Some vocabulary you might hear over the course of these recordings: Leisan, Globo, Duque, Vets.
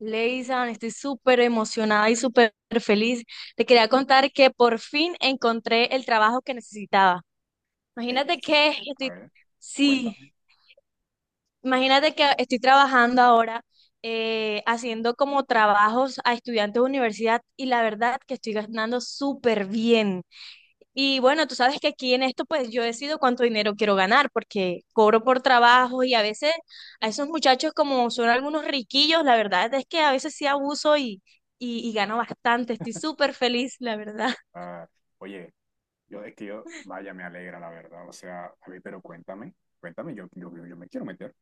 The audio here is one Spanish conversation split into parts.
Leisan, estoy súper emocionada y súper feliz. Te quería contar que por fin encontré el trabajo que necesitaba. Imagínate Es- que a estoy, ver, sí, cuéntame. imagínate que estoy trabajando ahora haciendo como trabajos a estudiantes de universidad y la verdad que estoy ganando súper bien. Y bueno, tú sabes que aquí en esto, pues yo decido cuánto dinero quiero ganar, porque cobro por trabajo y a veces a esos muchachos, como son algunos riquillos, la verdad es que a veces sí abuso y gano bastante. Estoy súper feliz, la verdad. Ah, oye, yo es que yo, vaya, me alegra la verdad. O sea, a ver, pero cuéntame, cuéntame, yo me quiero meter.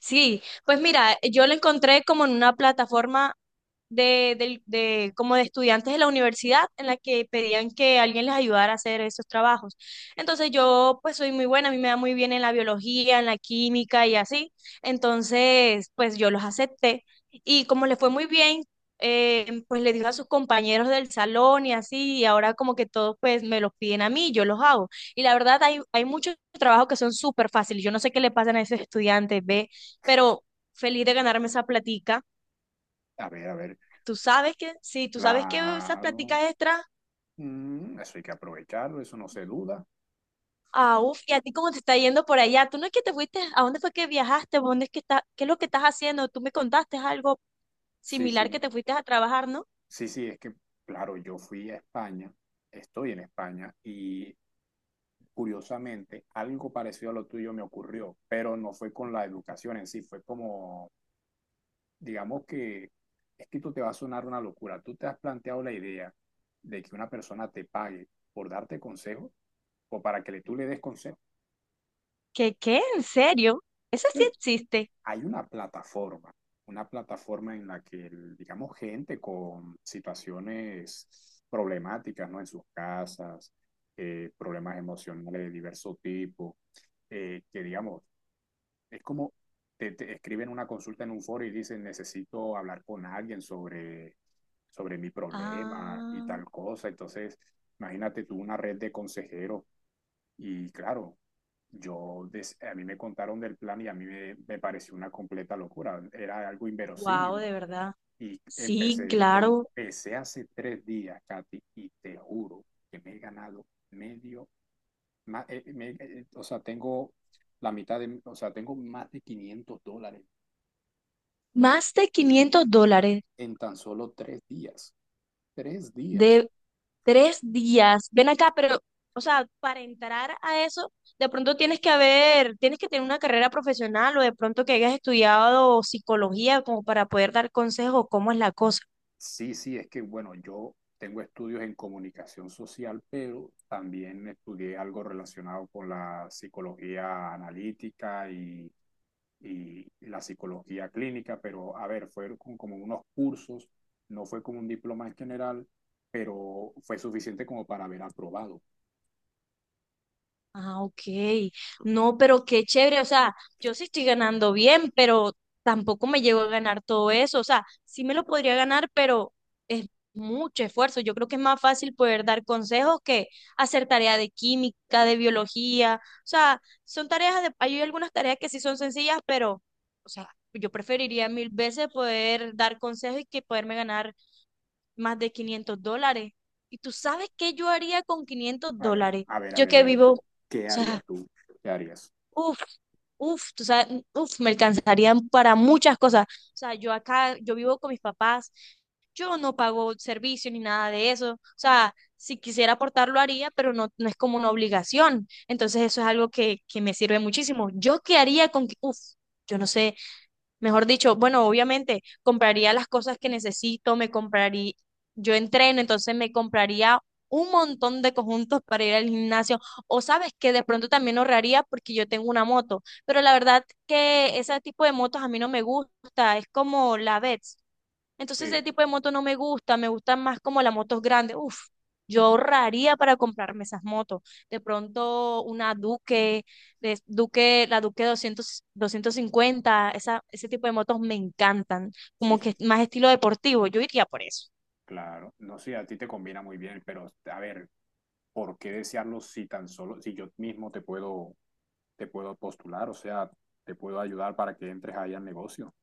Sí, pues mira, yo lo encontré como en una plataforma como de estudiantes de la universidad en la que pedían que alguien les ayudara a hacer esos trabajos. Entonces yo pues soy muy buena, a mí me da muy bien en la biología, en la química y así. Entonces pues yo los acepté y como les fue muy bien, pues le dijo a sus compañeros del salón y así y ahora como que todos pues me los piden a mí, yo los hago. Y la verdad hay muchos trabajos que son súper fáciles. Yo no sé qué le pasan a esos estudiantes, ¿ve? Pero feliz de ganarme esa platica. A ver, Tú sabes que, sí, tú sabes que esas claro. prácticas extras, Mm, eso hay que aprovecharlo, eso no se duda. ah, uf, y a ti cómo te está yendo por allá, tú no es que te fuiste, ¿a dónde fue que viajaste? ¿Dónde es que está, qué es lo que estás haciendo? Tú me contaste algo Sí, similar que sí, te fuiste a trabajar, ¿no? sí, sí, es que, claro, yo fui a España, estoy en España y curiosamente algo parecido a lo tuyo me ocurrió, pero no fue con la educación en sí, fue como digamos que esto te va a sonar una locura. ¿Tú te has planteado la idea de que una persona te pague por darte consejos o para que tú le des consejos? ¿Qué, qué? ¿En serio? Eso Es que sí el- existe. Hay una plataforma en la que, digamos, gente con situaciones problemáticas, ¿no? En sus casas, problemas emocionales de diverso tipo, que, digamos, es como te escriben una consulta en un foro y dicen, necesito hablar con alguien sobre, sobre mi problema y Ah, tal cosa. Entonces, imagínate tú una red de consejeros y claro, a mí me contaron del plan y a mí me pareció una completa locura, era algo wow, inverosímil. de verdad. Y Sí, empecé, claro. empecé hace 3 días, Katy, y te juro que me he ganado medio, o sea, tengo la mitad de, o sea, tengo más de 500 dólares Más de 500 dólares. en tan solo 3 días. 3 días. Tres días. Ven acá, pero, o sea, para entrar a eso, de pronto tienes que haber, tienes que tener una carrera profesional o de pronto que hayas estudiado psicología como para poder dar consejos, cómo es la cosa. Sí, sí, es que bueno, yo tengo estudios en comunicación social, pero también estudié algo relacionado con la psicología analítica y la psicología clínica, pero a ver, fueron como unos cursos, no fue como un diploma en general, pero fue suficiente como para haber aprobado. Ah, ok. No, pero qué chévere. O sea, yo sí estoy ganando bien, pero tampoco me llego a ganar todo eso. O sea, sí me lo podría ganar, pero es mucho esfuerzo. Yo creo que es más fácil poder dar consejos que hacer tarea de química, de biología. O sea, son tareas de, hay algunas tareas que sí son sencillas, pero, o sea, yo preferiría mil veces poder dar consejos y que poderme ganar más de 500 dólares. ¿Y tú sabes qué yo haría con 500 A ver, dólares? a ver, a Yo ver, a que ver, vivo... O ¿qué harías sea, tú? ¿Qué harías? uf, uf, tú sabes, uf, me alcanzarían para muchas cosas. O sea, yo acá, yo vivo con mis papás, yo no pago servicio ni nada de eso. O sea, si quisiera aportar lo haría, pero no, no es como una obligación. Entonces eso es algo que me sirve muchísimo. ¿Yo qué haría con, que- uf, yo no sé, mejor dicho, bueno, obviamente compraría las cosas que necesito, me compraría, yo entreno, entonces me compraría un montón de conjuntos para ir al gimnasio. O sabes que de pronto también ahorraría porque yo tengo una moto, pero la verdad que ese tipo de motos a mí no me gusta, es como la Vets. Entonces ese Sí, tipo de moto no me gusta, me gustan más como las motos grandes. Uf, yo ahorraría para comprarme esas motos. De pronto una Duque, Duque, la Duque 200, 250, esa, ese tipo de motos me encantan, sí, como sí, que sí, más estilo deportivo, yo iría por eso. claro. No sé, a ti te combina muy bien, pero a ver, ¿por qué desearlo si tan solo, si yo mismo te puedo postular, o sea, te puedo ayudar para que entres ahí al negocio?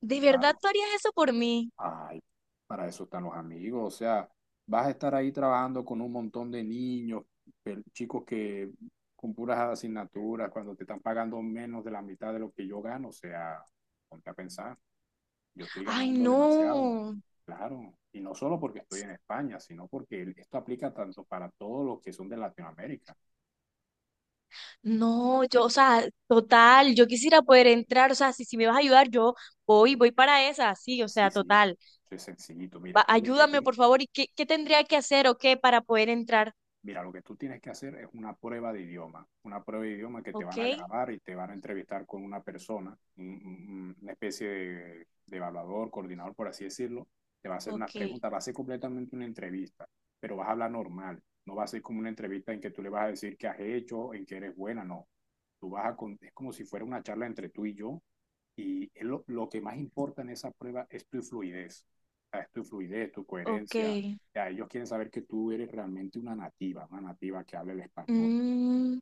¿De verdad Claro. tú harías eso por mí? Ay, para eso están los amigos, o sea, vas a estar ahí trabajando con un montón de niños, chicos que con puras asignaturas, cuando te están pagando menos de la mitad de lo que yo gano, o sea, ponte a pensar, yo estoy Ay, ganando demasiado, no, claro, y no solo porque estoy en España, sino porque esto aplica tanto para todos los que son de Latinoamérica. no, yo, o sea, total, yo quisiera poder entrar, o sea, si, si me vas a ayudar, yo voy para esa, sí, o Sí, sea, sí, total. soy sencillito. Ayúdame por favor, ¿y qué, qué tendría que hacer o qué para poder entrar? Mira, lo que tú tienes que hacer es una prueba de idioma, una prueba de idioma que te Ok, van a grabar y te van a entrevistar con una persona, una especie de evaluador, coordinador, por así decirlo, te va a hacer unas ok, preguntas, va a ser completamente una entrevista, pero vas a hablar normal, no va a ser como una entrevista en que tú le vas a decir qué has hecho, en qué eres buena, no. Tú vas a, es como si fuera una charla entre tú y yo, y es lo que más importa en esa prueba es tu fluidez, o sea, es tu fluidez, tu ok. coherencia ya, ellos quieren saber que tú eres realmente una nativa que habla el español. Mm.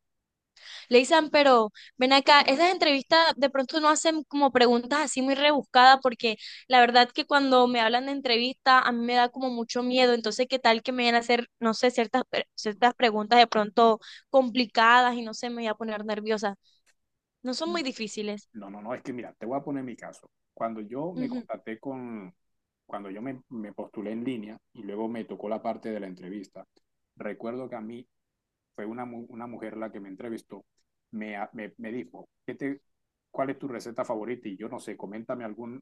Leisan, pero ven acá, esas entrevistas de pronto no hacen como preguntas así muy rebuscadas porque la verdad que cuando me hablan de entrevista a mí me da como mucho miedo, entonces qué tal que me vayan a hacer, no sé, ciertas, ciertas preguntas de pronto complicadas y no sé, me voy a poner nerviosa. No son Mm. muy difíciles. No, es que mira, te voy a poner mi caso. Ujú. Cuando yo me postulé en línea y luego me tocó la parte de la entrevista, recuerdo que a mí fue una, una mujer la que me entrevistó, me dijo, ¿cuál es tu receta favorita? Y yo no sé, coméntame algún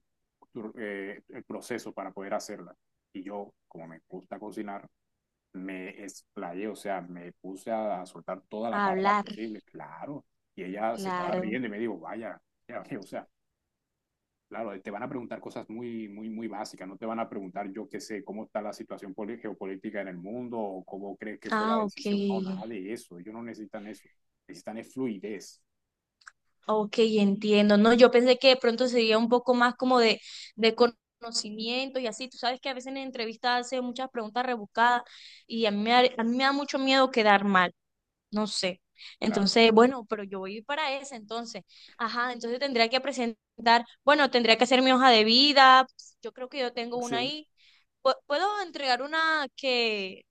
el proceso para poder hacerla. Y yo, como me gusta cocinar, me explayé, o sea, me puse a soltar toda la parla Hablar, posible, claro. Y ella se estaba claro. riendo y me dijo, vaya, ya, o sea, claro, te van a preguntar cosas muy, muy, muy básicas, no te van a preguntar, yo qué sé, cómo está la situación geopolítica en el mundo o cómo crees que fue la Ah, ok. decisión, no, nada de eso, ellos no necesitan eso, necesitan es fluidez, Ok, entiendo. No, yo pensé que de pronto sería un poco más como de conocimiento y así. Tú sabes que a veces en entrevistas hacen muchas preguntas rebuscadas y a mí me da mucho miedo quedar mal. No sé. claro. Entonces, bueno, pero yo voy para esa entonces. Ajá, entonces tendría que presentar, bueno, tendría que hacer mi hoja de vida. Yo creo que yo tengo una Sí. ahí. Puedo entregar una que,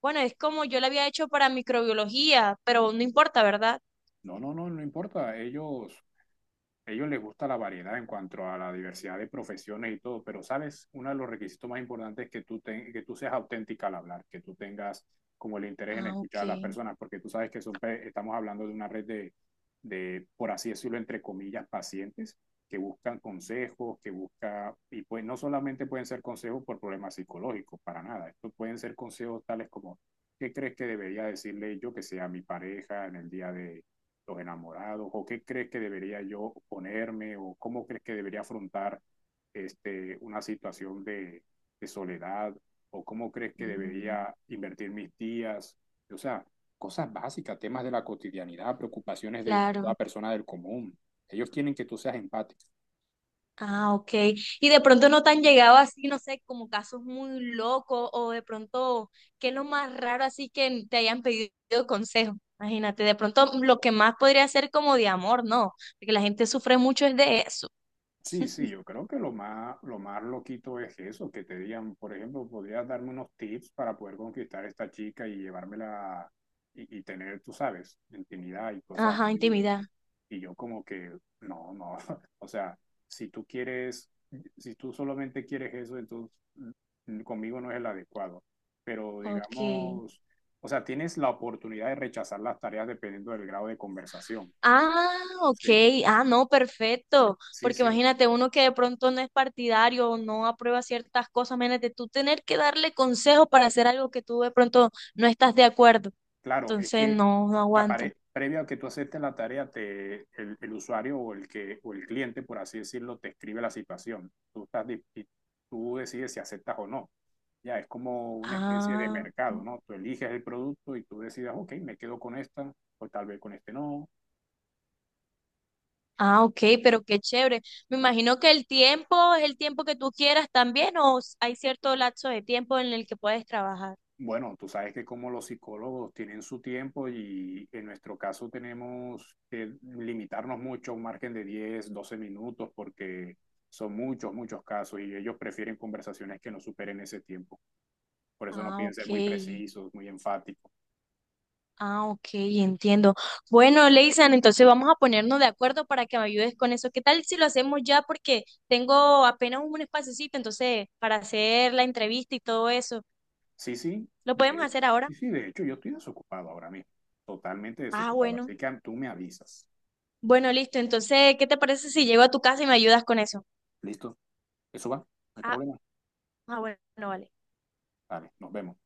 bueno, es como yo la había hecho para microbiología, pero no importa, ¿verdad? No, no importa, ellos a ellos les gusta la variedad en cuanto a la diversidad de profesiones y todo, pero sabes, uno de los requisitos más importantes es que que tú seas auténtica al hablar, que tú tengas como el interés en Ah, escuchar a las ok. personas, porque tú sabes que son estamos hablando de una red de, por así decirlo, entre comillas, pacientes que buscan consejos, que busca, y pues no solamente pueden ser consejos por problemas psicológicos, para nada, estos pueden ser consejos tales como, ¿qué crees que debería decirle yo que sea mi pareja en el día de los enamorados, o qué crees que debería yo ponerme, o cómo crees que debería afrontar este, una situación de soledad, o cómo crees que Mm, debería invertir mis días, o sea, cosas básicas, temas de la cotidianidad, preocupaciones de claro. toda persona del común. Ellos quieren que tú seas empático. Ah, ok. Y de pronto no te han llegado así, no sé, como casos muy locos o de pronto, ¿qué es lo más raro así que te hayan pedido consejo? Imagínate, de pronto lo que más podría ser como de amor, ¿no? Porque la gente sufre mucho es de eso. Sí, sí, yo creo que lo más loquito es eso, que te digan, por ejemplo, podrías darme unos tips para poder conquistar a esta chica y llevármela y tener, tú sabes, intimidad y cosas Ajá, así. Y intimidad. yo, y yo como que, no, no, o sea, si tú quieres, si tú solamente quieres eso, entonces mm, conmigo no es el adecuado. Pero Ok. digamos, o sea, tienes la oportunidad de rechazar las tareas dependiendo del grado de conversación. Ah, ok. Sí, Ah, no, perfecto. sí, Porque sí. imagínate, uno que de pronto no es partidario o no aprueba ciertas cosas, imagínate tú tener que darle consejo para hacer algo que tú de pronto no estás de acuerdo. Claro, es Entonces, que no, no aguanta. Previo a que tú aceptes la tarea, el usuario o el cliente, por así decirlo, te escribe la situación. Y tú decides si aceptas o no. Ya es como una especie de Ah, mercado, ¿no? Tú eliges el producto y tú decides, ok, me quedo con esta, o tal vez con este no. ah, ok, pero qué chévere. Me imagino que el tiempo es el tiempo que tú quieras también o s- hay cierto lapso de tiempo en el que puedes trabajar. Bueno, tú sabes que como los psicólogos tienen su tiempo y en nuestro caso tenemos que limitarnos mucho a un margen de 10, 12 minutos porque son muchos, muchos casos y ellos prefieren conversaciones que no superen ese tiempo. Por eso nos Ah, piden ok. ser muy precisos, muy enfáticos. Ah, ok, entiendo. Bueno, Leisan, entonces vamos a ponernos de acuerdo para que me ayudes con eso. ¿Qué tal si lo hacemos ya? Porque tengo apenas un espacecito, entonces, para hacer la entrevista y todo eso. Sí, sí, ¿Lo podemos de, hacer ahora? sí, sí, de hecho yo estoy desocupado ahora mismo, totalmente Ah, desocupado. bueno. Así que tú me avisas. Bueno, listo. Entonces, ¿qué te parece si llego a tu casa y me ayudas con eso? ¿Listo? Eso va, no hay Ah, problema. ah, bueno, vale. Vale, nos vemos.